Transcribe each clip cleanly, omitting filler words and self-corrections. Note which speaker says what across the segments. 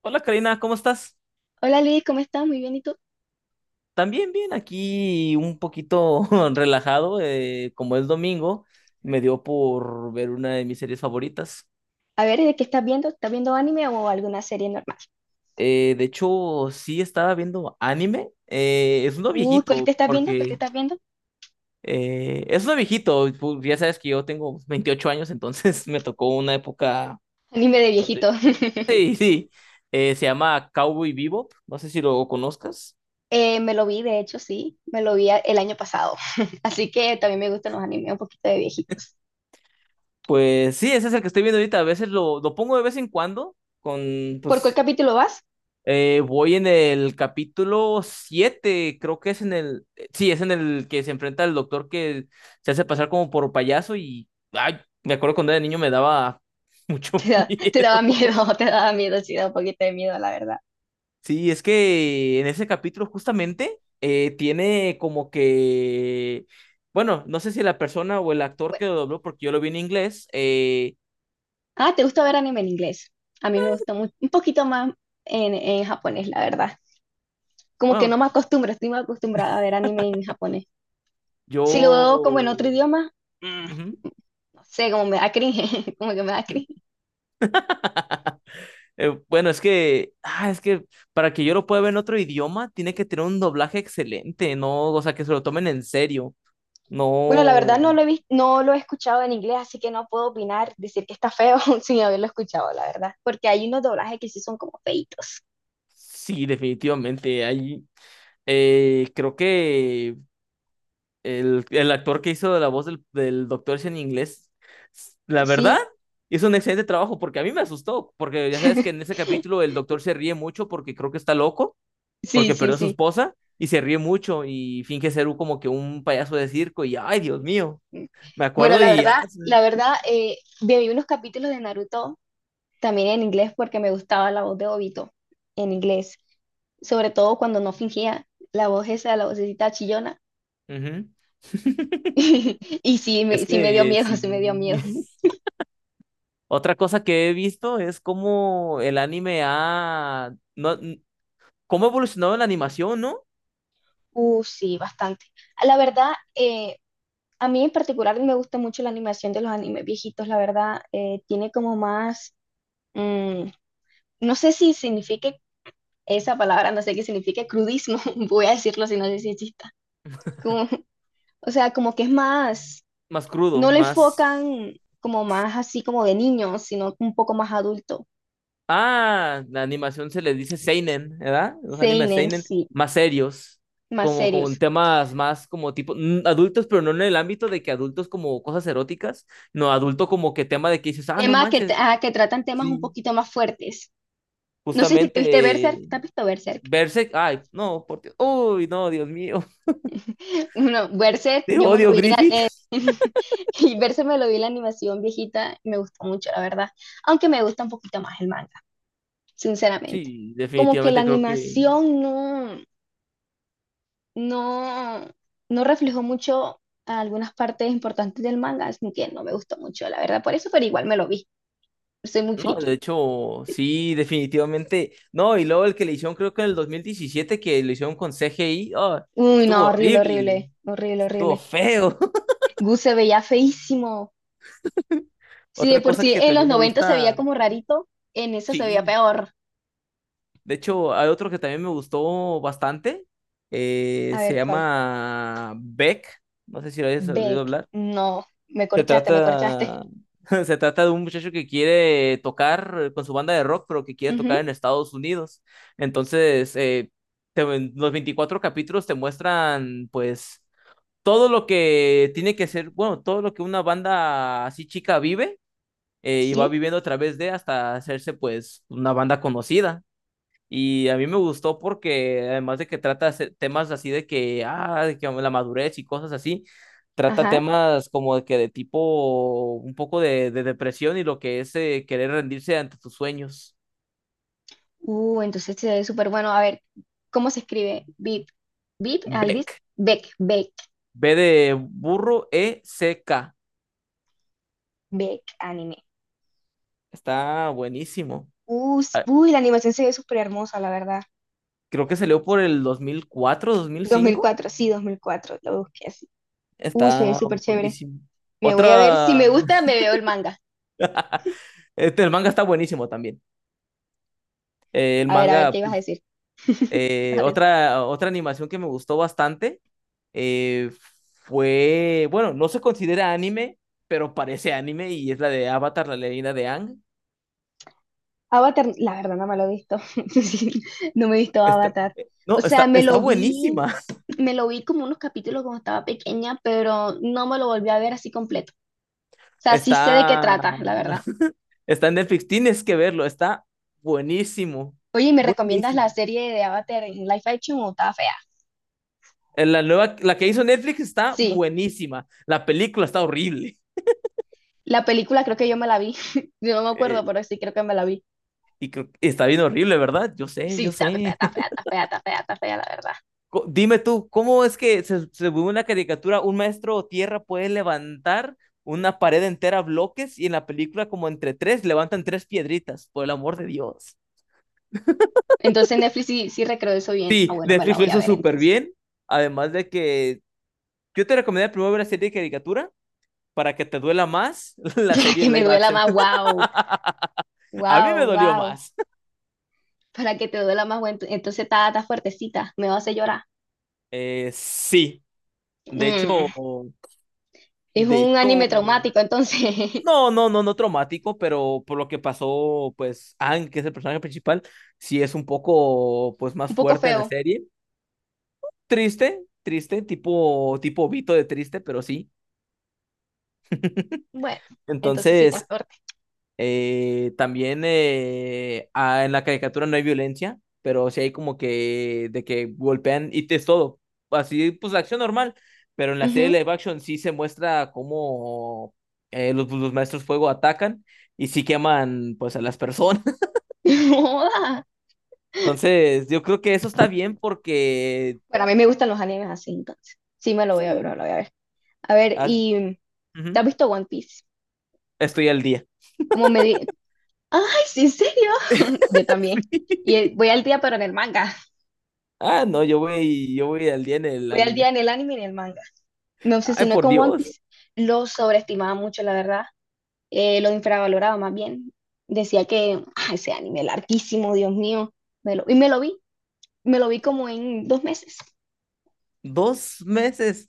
Speaker 1: Hola Karina, ¿cómo estás?
Speaker 2: Hola Luis, ¿cómo estás? Muy bien, ¿y tú?
Speaker 1: También bien, aquí un poquito relajado, como es domingo, me dio por ver una de mis series favoritas.
Speaker 2: A ver, ¿de qué estás viendo? ¿Estás viendo anime o alguna serie normal?
Speaker 1: De hecho, sí estaba viendo anime, es uno
Speaker 2: Uy, ¿cuál te
Speaker 1: viejito,
Speaker 2: estás viendo? ¿Cuál te
Speaker 1: porque
Speaker 2: estás viendo?
Speaker 1: es uno viejito, ya sabes que yo tengo 28 años, entonces me tocó una época
Speaker 2: Anime de
Speaker 1: donde...
Speaker 2: viejito.
Speaker 1: Sí, sí, se llama Cowboy Bebop, no sé si lo conozcas.
Speaker 2: Me lo vi, de hecho, sí, me lo vi el año pasado. Así que también me gustan los animes un poquito de viejitos.
Speaker 1: Pues sí, ese es el que estoy viendo ahorita, a veces lo pongo de vez en cuando, con
Speaker 2: ¿Por cuál
Speaker 1: pues.
Speaker 2: capítulo vas?
Speaker 1: Voy en el capítulo siete, creo que es en el, sí, es en el que se enfrenta al doctor que se hace pasar como por payaso y, ay, me acuerdo cuando era niño me daba mucho
Speaker 2: Te
Speaker 1: miedo.
Speaker 2: daba miedo, te daba miedo, sí, da un poquito de miedo, la verdad.
Speaker 1: Sí, es que en ese capítulo justamente tiene como que, bueno, no sé si la persona o el actor que
Speaker 2: Bueno.
Speaker 1: lo dobló, porque yo lo vi en inglés,
Speaker 2: Ah, ¿te gusta ver anime en inglés? A mí me gusta un poquito más en japonés, la verdad. Como que no
Speaker 1: bueno,
Speaker 2: me acostumbro, estoy más acostumbrada a ver anime en japonés. Si lo veo
Speaker 1: yo...
Speaker 2: como en otro idioma.
Speaker 1: Ujú.
Speaker 2: Sé, como me da cringe, como que me da cringe.
Speaker 1: Bueno, es que para que yo lo pueda ver en otro idioma, tiene que tener un doblaje excelente, ¿no? O sea, que se lo tomen en serio.
Speaker 2: Bueno, la
Speaker 1: No,
Speaker 2: verdad no lo he visto no lo he escuchado en inglés, así que no puedo opinar, decir que está feo sin haberlo escuchado, la verdad, porque hay unos doblajes que sí son como feitos.
Speaker 1: sí, definitivamente. Ahí, creo que el actor que hizo la voz del Doctor Ese en inglés, la verdad,
Speaker 2: Sí,
Speaker 1: hizo un excelente trabajo porque a mí me asustó, porque ya sabes que en ese capítulo el doctor se ríe mucho porque creo que está loco,
Speaker 2: sí,
Speaker 1: porque
Speaker 2: sí,
Speaker 1: perdió a su
Speaker 2: sí.
Speaker 1: esposa y se ríe mucho y finge ser un- como que un payaso de circo y, ay, Dios mío. Me
Speaker 2: Bueno,
Speaker 1: acuerdo y ya. Sí.
Speaker 2: la verdad, vi unos capítulos de Naruto también en inglés porque me gustaba la voz de Obito en inglés, sobre todo cuando no fingía la voz esa, la vocecita chillona.
Speaker 1: Ujú.
Speaker 2: Y sí
Speaker 1: Es
Speaker 2: me, sí me dio
Speaker 1: que
Speaker 2: miedo,
Speaker 1: sí.
Speaker 2: sí me dio miedo.
Speaker 1: Otra cosa que he visto es cómo el anime ha... No, cómo ha evolucionado la animación, ¿no?
Speaker 2: Sí, bastante. La verdad, a mí en particular me gusta mucho la animación de los animes viejitos, la verdad, tiene como más, mm, no sé si signifique esa palabra, no sé qué significa crudismo, voy a decirlo si no sé si exista. Como, o sea, como que es más,
Speaker 1: Más crudo,
Speaker 2: no le
Speaker 1: más...
Speaker 2: enfocan como más así como de niños, sino un poco más adulto.
Speaker 1: La animación se le dice seinen, ¿verdad? Los animes
Speaker 2: Seinen,
Speaker 1: seinen
Speaker 2: sí,
Speaker 1: más serios,
Speaker 2: más
Speaker 1: como con
Speaker 2: serios.
Speaker 1: temas más como tipo adultos, pero no en el ámbito de que adultos como cosas eróticas, no adulto como que tema de que dices, no
Speaker 2: Temas que,
Speaker 1: manches,
Speaker 2: ah, que tratan temas un
Speaker 1: sí,
Speaker 2: poquito más fuertes. No sé si te viste Berserk,
Speaker 1: justamente
Speaker 2: ¿te has visto Berserk?
Speaker 1: Berserk, ay, no, por Dios, uy, no, Dios mío,
Speaker 2: No, Berserk,
Speaker 1: te
Speaker 2: yo me lo
Speaker 1: odio,
Speaker 2: vi en, la-
Speaker 1: Griffith.
Speaker 2: en- Y Berserk me lo vi en la animación viejita y me gustó mucho, la verdad. Aunque me gusta un poquito más el manga, sinceramente.
Speaker 1: Sí,
Speaker 2: Como que la
Speaker 1: definitivamente creo que,
Speaker 2: animación no, no reflejó mucho algunas partes importantes del manga, así que no me gustó mucho, la verdad. Por eso, pero igual me lo vi. Soy muy
Speaker 1: no, de
Speaker 2: friki.
Speaker 1: hecho, sí, definitivamente, no, y luego el que le hicieron, creo que en el 2017 que lo hicieron con CGI, oh,
Speaker 2: Uy,
Speaker 1: estuvo
Speaker 2: no, horrible,
Speaker 1: horrible,
Speaker 2: horrible, horrible,
Speaker 1: estuvo
Speaker 2: horrible.
Speaker 1: feo.
Speaker 2: Gus se veía feísimo. Si de
Speaker 1: Otra
Speaker 2: por
Speaker 1: cosa
Speaker 2: sí
Speaker 1: que
Speaker 2: en los
Speaker 1: también me
Speaker 2: 90 se veía
Speaker 1: gusta,
Speaker 2: como rarito, en eso se veía
Speaker 1: sí,
Speaker 2: peor.
Speaker 1: de hecho, hay otro que también me gustó bastante,
Speaker 2: A
Speaker 1: se
Speaker 2: ver, ¿cuál?
Speaker 1: llama Beck, no sé si lo hayas oído
Speaker 2: Beck,
Speaker 1: hablar.
Speaker 2: no, me
Speaker 1: Se
Speaker 2: corchaste, me corchaste.
Speaker 1: trata, se trata de un muchacho que quiere tocar con su banda de rock, pero que quiere tocar
Speaker 2: Ujú,
Speaker 1: en Estados Unidos. Entonces, te- los 24 capítulos te muestran, pues, todo lo que tiene que ser, bueno, todo lo que una banda así chica vive y va
Speaker 2: sí,
Speaker 1: viviendo a través de hasta hacerse, pues, una banda conocida. Y a mí me gustó porque además de que trata temas así de que, ah, de que la madurez y cosas así, trata
Speaker 2: ajá.
Speaker 1: temas como de que de tipo un poco de depresión y lo que es querer rendirse ante tus sueños.
Speaker 2: Entonces se ve súper bueno. A ver, ¿cómo se escribe? Bip, Bip, alguien.
Speaker 1: Beck.
Speaker 2: Beck, Beck,
Speaker 1: B de burro, E, C, K.
Speaker 2: Beck, anime.
Speaker 1: Está buenísimo. Ah,
Speaker 2: Uy, la animación se ve súper hermosa, la verdad.
Speaker 1: creo que salió por el dos mil cuatro dos mil
Speaker 2: dos mil
Speaker 1: cinco.
Speaker 2: cuatro, sí, 2004, lo busqué así. Se ve
Speaker 1: Está
Speaker 2: súper chévere.
Speaker 1: buenísimo.
Speaker 2: Me voy a ver, si
Speaker 1: Otra,
Speaker 2: me gusta, me veo el manga.
Speaker 1: este, el manga está buenísimo también. El
Speaker 2: A ver,
Speaker 1: manga.
Speaker 2: ¿qué ibas a decir? ¿Qué ibas a decir?
Speaker 1: Otra animación que me gustó bastante eh, fue, bueno, no se considera anime, pero parece anime y es la de Avatar, la leyenda de Aang.
Speaker 2: Avatar, la verdad no me lo he visto. Sí, no me he visto
Speaker 1: Está,
Speaker 2: Avatar. O
Speaker 1: no,
Speaker 2: sea,
Speaker 1: está,
Speaker 2: me
Speaker 1: está
Speaker 2: lo vi.
Speaker 1: buenísima.
Speaker 2: Me lo vi como unos capítulos cuando estaba pequeña, pero no me lo volví a ver así completo. O sea, sí sé de qué
Speaker 1: Está,
Speaker 2: trata, la verdad.
Speaker 1: está en Netflix, tienes que verlo, está buenísimo,
Speaker 2: Oye, ¿y me recomiendas la
Speaker 1: buenísimo.
Speaker 2: serie de Avatar en live action o está fea?
Speaker 1: La nueva, la que hizo Netflix está
Speaker 2: Sí,
Speaker 1: buenísima. La película está horrible.
Speaker 2: la película creo que yo me la vi. Yo no me acuerdo,
Speaker 1: Eh,
Speaker 2: pero sí creo que me la vi.
Speaker 1: Está bien horrible, ¿verdad? Yo sé,
Speaker 2: Sí,
Speaker 1: yo
Speaker 2: está fea,
Speaker 1: sé.
Speaker 2: está fea, está fea, está fea, está fea, la verdad.
Speaker 1: Dime tú, ¿cómo es que se según una caricatura, un maestro tierra puede levantar una pared entera a bloques y en la película como entre tres levantan tres piedritas, por el amor de Dios?
Speaker 2: Entonces Netflix sí, sí recreó eso bien. Ah,
Speaker 1: Sí,
Speaker 2: bueno, me la
Speaker 1: Netflix lo
Speaker 2: voy a
Speaker 1: hizo
Speaker 2: ver
Speaker 1: súper
Speaker 2: entonces.
Speaker 1: bien, además de que yo te recomendaría primero ver la serie de caricatura para que te duela más la
Speaker 2: Para
Speaker 1: serie
Speaker 2: que me
Speaker 1: live
Speaker 2: duela
Speaker 1: action.
Speaker 2: más, wow,
Speaker 1: A mí
Speaker 2: wow,
Speaker 1: me dolió
Speaker 2: wow.
Speaker 1: más.
Speaker 2: Para que te duela más, bueno, entonces está fuertecita, me va a hacer llorar.
Speaker 1: Sí, de hecho,
Speaker 2: Mm, Es
Speaker 1: de
Speaker 2: un
Speaker 1: hecho,
Speaker 2: anime traumático, entonces.
Speaker 1: no, no, no, no traumático, pero por lo que pasó, pues Aang, que es el personaje principal, sí es un poco, pues, más
Speaker 2: Un poco
Speaker 1: fuerte en la
Speaker 2: feo.
Speaker 1: serie. Triste, triste, tipo Vito de triste, pero sí.
Speaker 2: Bueno, entonces sí está
Speaker 1: Entonces,
Speaker 2: fuerte.
Speaker 1: también en la caricatura no hay violencia, pero sí hay como que de que golpean y te es todo. Así, pues, la acción normal, pero en la serie
Speaker 2: Ujú.
Speaker 1: live action sí se muestra cómo los maestros fuego atacan y sí queman, pues, a las personas.
Speaker 2: Joda.
Speaker 1: Entonces, yo creo que eso está bien porque
Speaker 2: Bueno, a mí me gustan los animes así, entonces. Sí me lo voy a ver, me lo
Speaker 1: sí,
Speaker 2: voy a ver. A ver,
Speaker 1: ah,
Speaker 2: y ¿te has
Speaker 1: ujú,
Speaker 2: visto One Piece?
Speaker 1: estoy al día.
Speaker 2: Como me di... ¡Ay, sí, en serio! Yo también. Y voy al día, pero en el manga.
Speaker 1: Ah, no, yo voy al día en el
Speaker 2: Voy al día
Speaker 1: anime.
Speaker 2: en el anime y en el manga. Me
Speaker 1: Ay,
Speaker 2: obsesioné
Speaker 1: por
Speaker 2: con One
Speaker 1: Dios,
Speaker 2: Piece. Lo sobreestimaba mucho, la verdad. Lo infravaloraba más bien. Decía que ese anime larguísimo, Dios mío. Y me lo vi. Me lo vi como en 2 meses.
Speaker 1: 2 meses.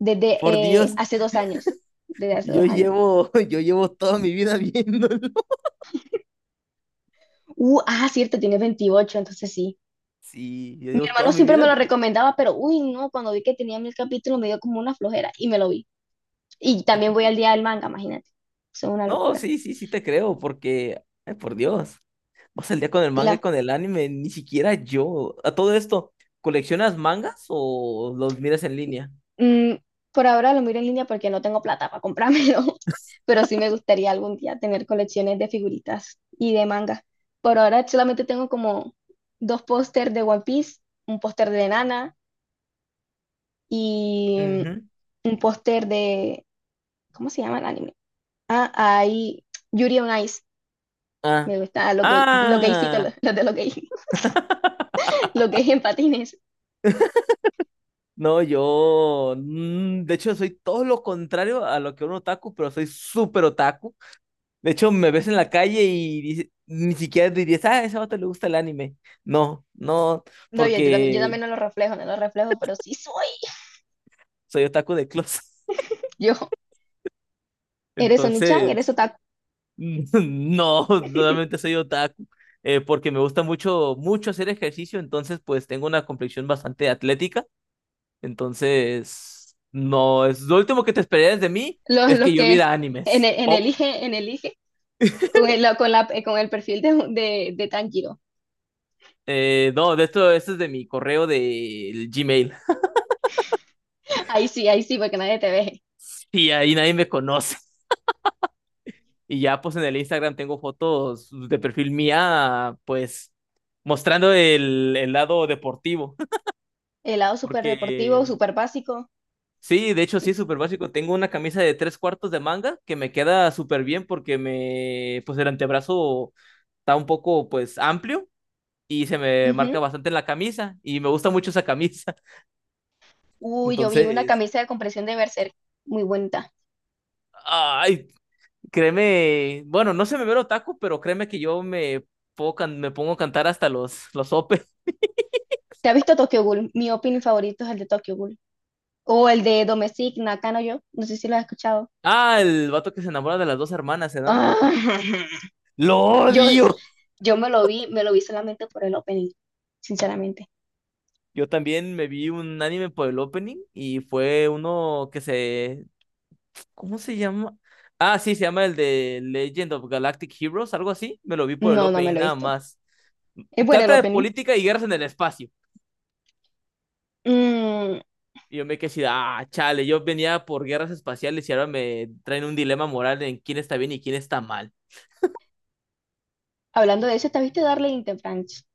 Speaker 2: Desde
Speaker 1: Por Dios,
Speaker 2: hace 2 años. Desde hace
Speaker 1: yo
Speaker 2: 2 años.
Speaker 1: llevo, yo llevo toda mi vida viéndolo.
Speaker 2: Cierto, tiene 28, entonces sí.
Speaker 1: Sí, yo
Speaker 2: Mi
Speaker 1: llevo
Speaker 2: hermano
Speaker 1: toda mi
Speaker 2: siempre me
Speaker 1: vida
Speaker 2: lo
Speaker 1: viendo.
Speaker 2: recomendaba, pero uy, no, cuando vi que tenía 1000 capítulos me dio como una flojera y me lo vi. Y también voy al día del manga, imagínate. Eso es una
Speaker 1: No,
Speaker 2: locura.
Speaker 1: sí, sí, sí te creo, porque, ay, por Dios, vas al día con el manga y
Speaker 2: La,
Speaker 1: con el anime, ni siquiera yo. A todo esto, ¿coleccionas mangas o los miras en línea?
Speaker 2: mm, por ahora lo miro en línea porque no tengo plata para comprármelo, pero sí me gustaría algún día tener colecciones de figuritas y de manga. Por ahora solamente tengo como 2 pósters de One Piece, un póster de Nana y
Speaker 1: Ujú.
Speaker 2: un póster de ¿cómo se llama el anime? Ah, hay Yuri on Ice.
Speaker 1: Ah,
Speaker 2: Me gusta lo gay, lo gaycito,
Speaker 1: ah,
Speaker 2: lo de lo gay, lo gay en patines.
Speaker 1: no, yo, de hecho, soy todo lo contrario a lo que un otaku, pero soy súper otaku. De hecho, me ves en la calle y ni siquiera dirías, ah, a ese vato le gusta el anime. No, no,
Speaker 2: No, yo también, yo
Speaker 1: porque
Speaker 2: también no lo reflejo, no lo reflejo, pero sí soy
Speaker 1: soy otaku de closet.
Speaker 2: yo. Eres Oni-chan, eres
Speaker 1: Entonces,
Speaker 2: otaku.
Speaker 1: no, realmente soy otaku, porque me gusta mucho, mucho hacer ejercicio, entonces, pues, tengo una complexión bastante atlética. Entonces, no, es lo último que te esperarías de mí
Speaker 2: Los,
Speaker 1: es
Speaker 2: los
Speaker 1: que yo
Speaker 2: que
Speaker 1: viera animes.
Speaker 2: en
Speaker 1: Oh,
Speaker 2: elige, en elige, con el, con la, con el perfil de Tanjiro.
Speaker 1: no, esto es de mi correo de Gmail.
Speaker 2: Ahí sí, porque nadie te ve.
Speaker 1: Y ahí nadie me conoce. Y ya pues en el Instagram tengo fotos de perfil mía, pues mostrando el lado deportivo.
Speaker 2: El lado súper
Speaker 1: Porque
Speaker 2: deportivo, súper básico.
Speaker 1: sí, de hecho sí es súper básico. Tengo una camisa de tres cuartos de manga que me queda súper bien porque me, pues el antebrazo está un poco pues amplio y se me marca
Speaker 2: Ujú.
Speaker 1: bastante en la camisa y me gusta mucho esa camisa.
Speaker 2: Uy, yo vi una
Speaker 1: Entonces,
Speaker 2: camisa de compresión de Berserk, muy bonita.
Speaker 1: ay, créeme, bueno, no se me ve el otaku, pero créeme que yo me, puedo can me pongo a cantar hasta los ope.
Speaker 2: ¿Te has visto Tokyo Ghoul? Mi opening favorito es el de Tokyo Ghoul. O el de Domestic Nakano yo, no sé si lo has escuchado.
Speaker 1: Ah, el vato que se enamora de las dos hermanas, ¿verdad?
Speaker 2: Ah,
Speaker 1: ¡Lo
Speaker 2: yo,
Speaker 1: odio!
Speaker 2: yo me lo vi solamente por el opening, sinceramente.
Speaker 1: Yo también me vi un anime por el opening y fue uno que se... ¿Cómo se llama? Ah, sí, se llama el de Legend of Galactic Heroes, algo así. Me lo vi por el
Speaker 2: No, no me
Speaker 1: opening
Speaker 2: lo he
Speaker 1: nada
Speaker 2: visto.
Speaker 1: más.
Speaker 2: Es bueno el
Speaker 1: Trata de
Speaker 2: opening.
Speaker 1: política y guerras en el espacio.
Speaker 2: Mm,
Speaker 1: Y yo me quedé así, de, ah, chale, yo venía por guerras espaciales y ahora me traen un dilema moral en quién está bien y quién está mal.
Speaker 2: Hablando de eso, ¿te viste Darling in the Franxx?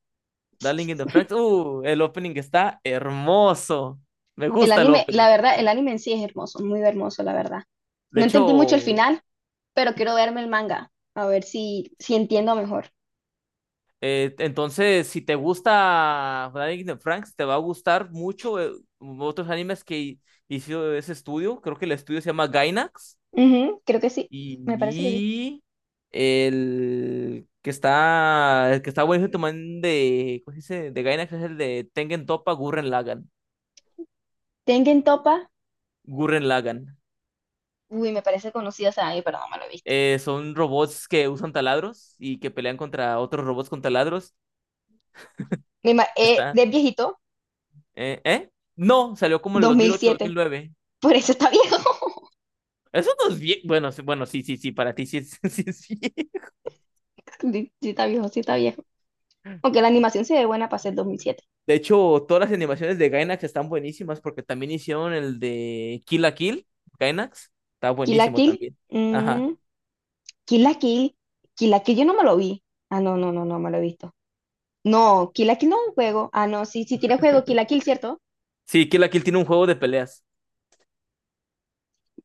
Speaker 1: Darling in the Franks, el opening está hermoso. Me
Speaker 2: El
Speaker 1: gusta el
Speaker 2: anime,
Speaker 1: opening.
Speaker 2: la verdad, el anime en sí es hermoso, muy hermoso, la verdad.
Speaker 1: De
Speaker 2: No entendí mucho el
Speaker 1: hecho,
Speaker 2: final, pero quiero verme el manga, a ver si entiendo mejor.
Speaker 1: entonces, si te gusta Darling in the Franks, te va a gustar mucho otros animes que hizo ese estudio. Creo que el estudio se llama Gainax.
Speaker 2: Ujú, creo que sí, me parece que sí.
Speaker 1: Y el que está buenísimo también de, ¿cómo se dice? De Gainax es el de Tengen Toppa Gurren Lagann.
Speaker 2: Tengen Topa,
Speaker 1: Gurren Lagann.
Speaker 2: uy, me parece conocido ese anime, pero no me lo he visto.
Speaker 1: Son robots que usan taladros y que pelean contra otros robots con taladros. Está,
Speaker 2: ¿De viejito?
Speaker 1: ¿Eh? No, salió como en el
Speaker 2: dos
Speaker 1: dos mil
Speaker 2: mil
Speaker 1: ocho-dos mil
Speaker 2: siete
Speaker 1: nueve
Speaker 2: Por eso está viejo.
Speaker 1: Eso no es bien. Bueno, sí, bueno, sí, sí, sí, para ti sí es, sí, sí.
Speaker 2: Sí, sí está viejo, sí está viejo. Aunque la animación se ve buena para ser 2007.
Speaker 1: De hecho, todas las animaciones de Gainax están buenísimas porque también hicieron el de Kill la Kill, Gainax. Está
Speaker 2: Kill la
Speaker 1: buenísimo
Speaker 2: Kill.
Speaker 1: también. Ajá.
Speaker 2: Kill la Kill. Kill la Kill yo no me lo vi. Ah, no, no, no, no me lo he visto. No, Kill la Kill no es un juego. Ah, no, sí, sí tiene juego. Kill la Kill, ¿cierto?
Speaker 1: Sí, Kill la Kill tiene un juego de peleas.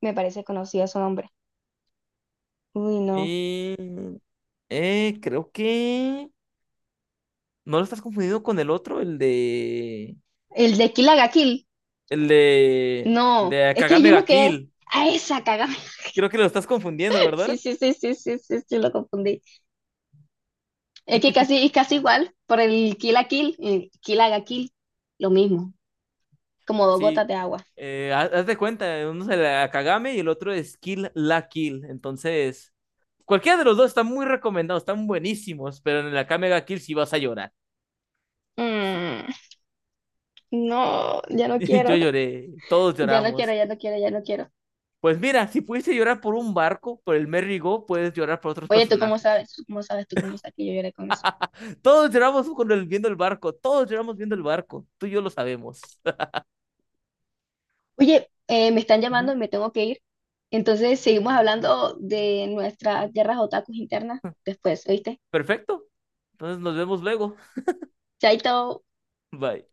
Speaker 2: Me parece conocido su nombre. Uy, no.
Speaker 1: Eh, Creo que... ¿No lo estás confundiendo con el otro?
Speaker 2: El de Kill la Kill.
Speaker 1: El de...
Speaker 2: No,
Speaker 1: De
Speaker 2: es que hay
Speaker 1: Kagame
Speaker 2: uno
Speaker 1: ga
Speaker 2: que es...
Speaker 1: Kill.
Speaker 2: A esa cagada.
Speaker 1: Creo que lo estás confundiendo,
Speaker 2: Sí,
Speaker 1: ¿verdad?
Speaker 2: sí, sí, sí, sí, sí, sí, lo confundí. Es que casi, es casi igual por el Kill la Kill. Kill la Kill. Lo mismo. Como dos gotas
Speaker 1: Sí,
Speaker 2: de agua.
Speaker 1: haz de cuenta, uno es el Akagame y el otro es Kill la Kill. Entonces, cualquiera de los dos está muy recomendado, están buenísimos, pero en el Akame ga Kill sí vas a llorar.
Speaker 2: Mm, no, ya no
Speaker 1: Yo
Speaker 2: quiero.
Speaker 1: lloré, todos
Speaker 2: Ya no quiero,
Speaker 1: lloramos.
Speaker 2: ya no quiero, ya no quiero.
Speaker 1: Pues mira, si pudiste llorar por un barco, por el Merry Go, puedes llorar por otros
Speaker 2: Oye, ¿tú cómo
Speaker 1: personajes.
Speaker 2: sabes? ¿Tú cómo sabes? ¿Tú cómo sabes que yo lloré con eso?
Speaker 1: Todos lloramos con el, viendo el barco, todos lloramos viendo el barco, tú y yo lo sabemos.
Speaker 2: Oye, me están llamando
Speaker 1: Ujú.
Speaker 2: y me tengo que ir. Entonces seguimos hablando de nuestras guerras otakus internas después, ¿oíste?
Speaker 1: Perfecto. Entonces nos vemos luego.
Speaker 2: Chaito.
Speaker 1: Bye.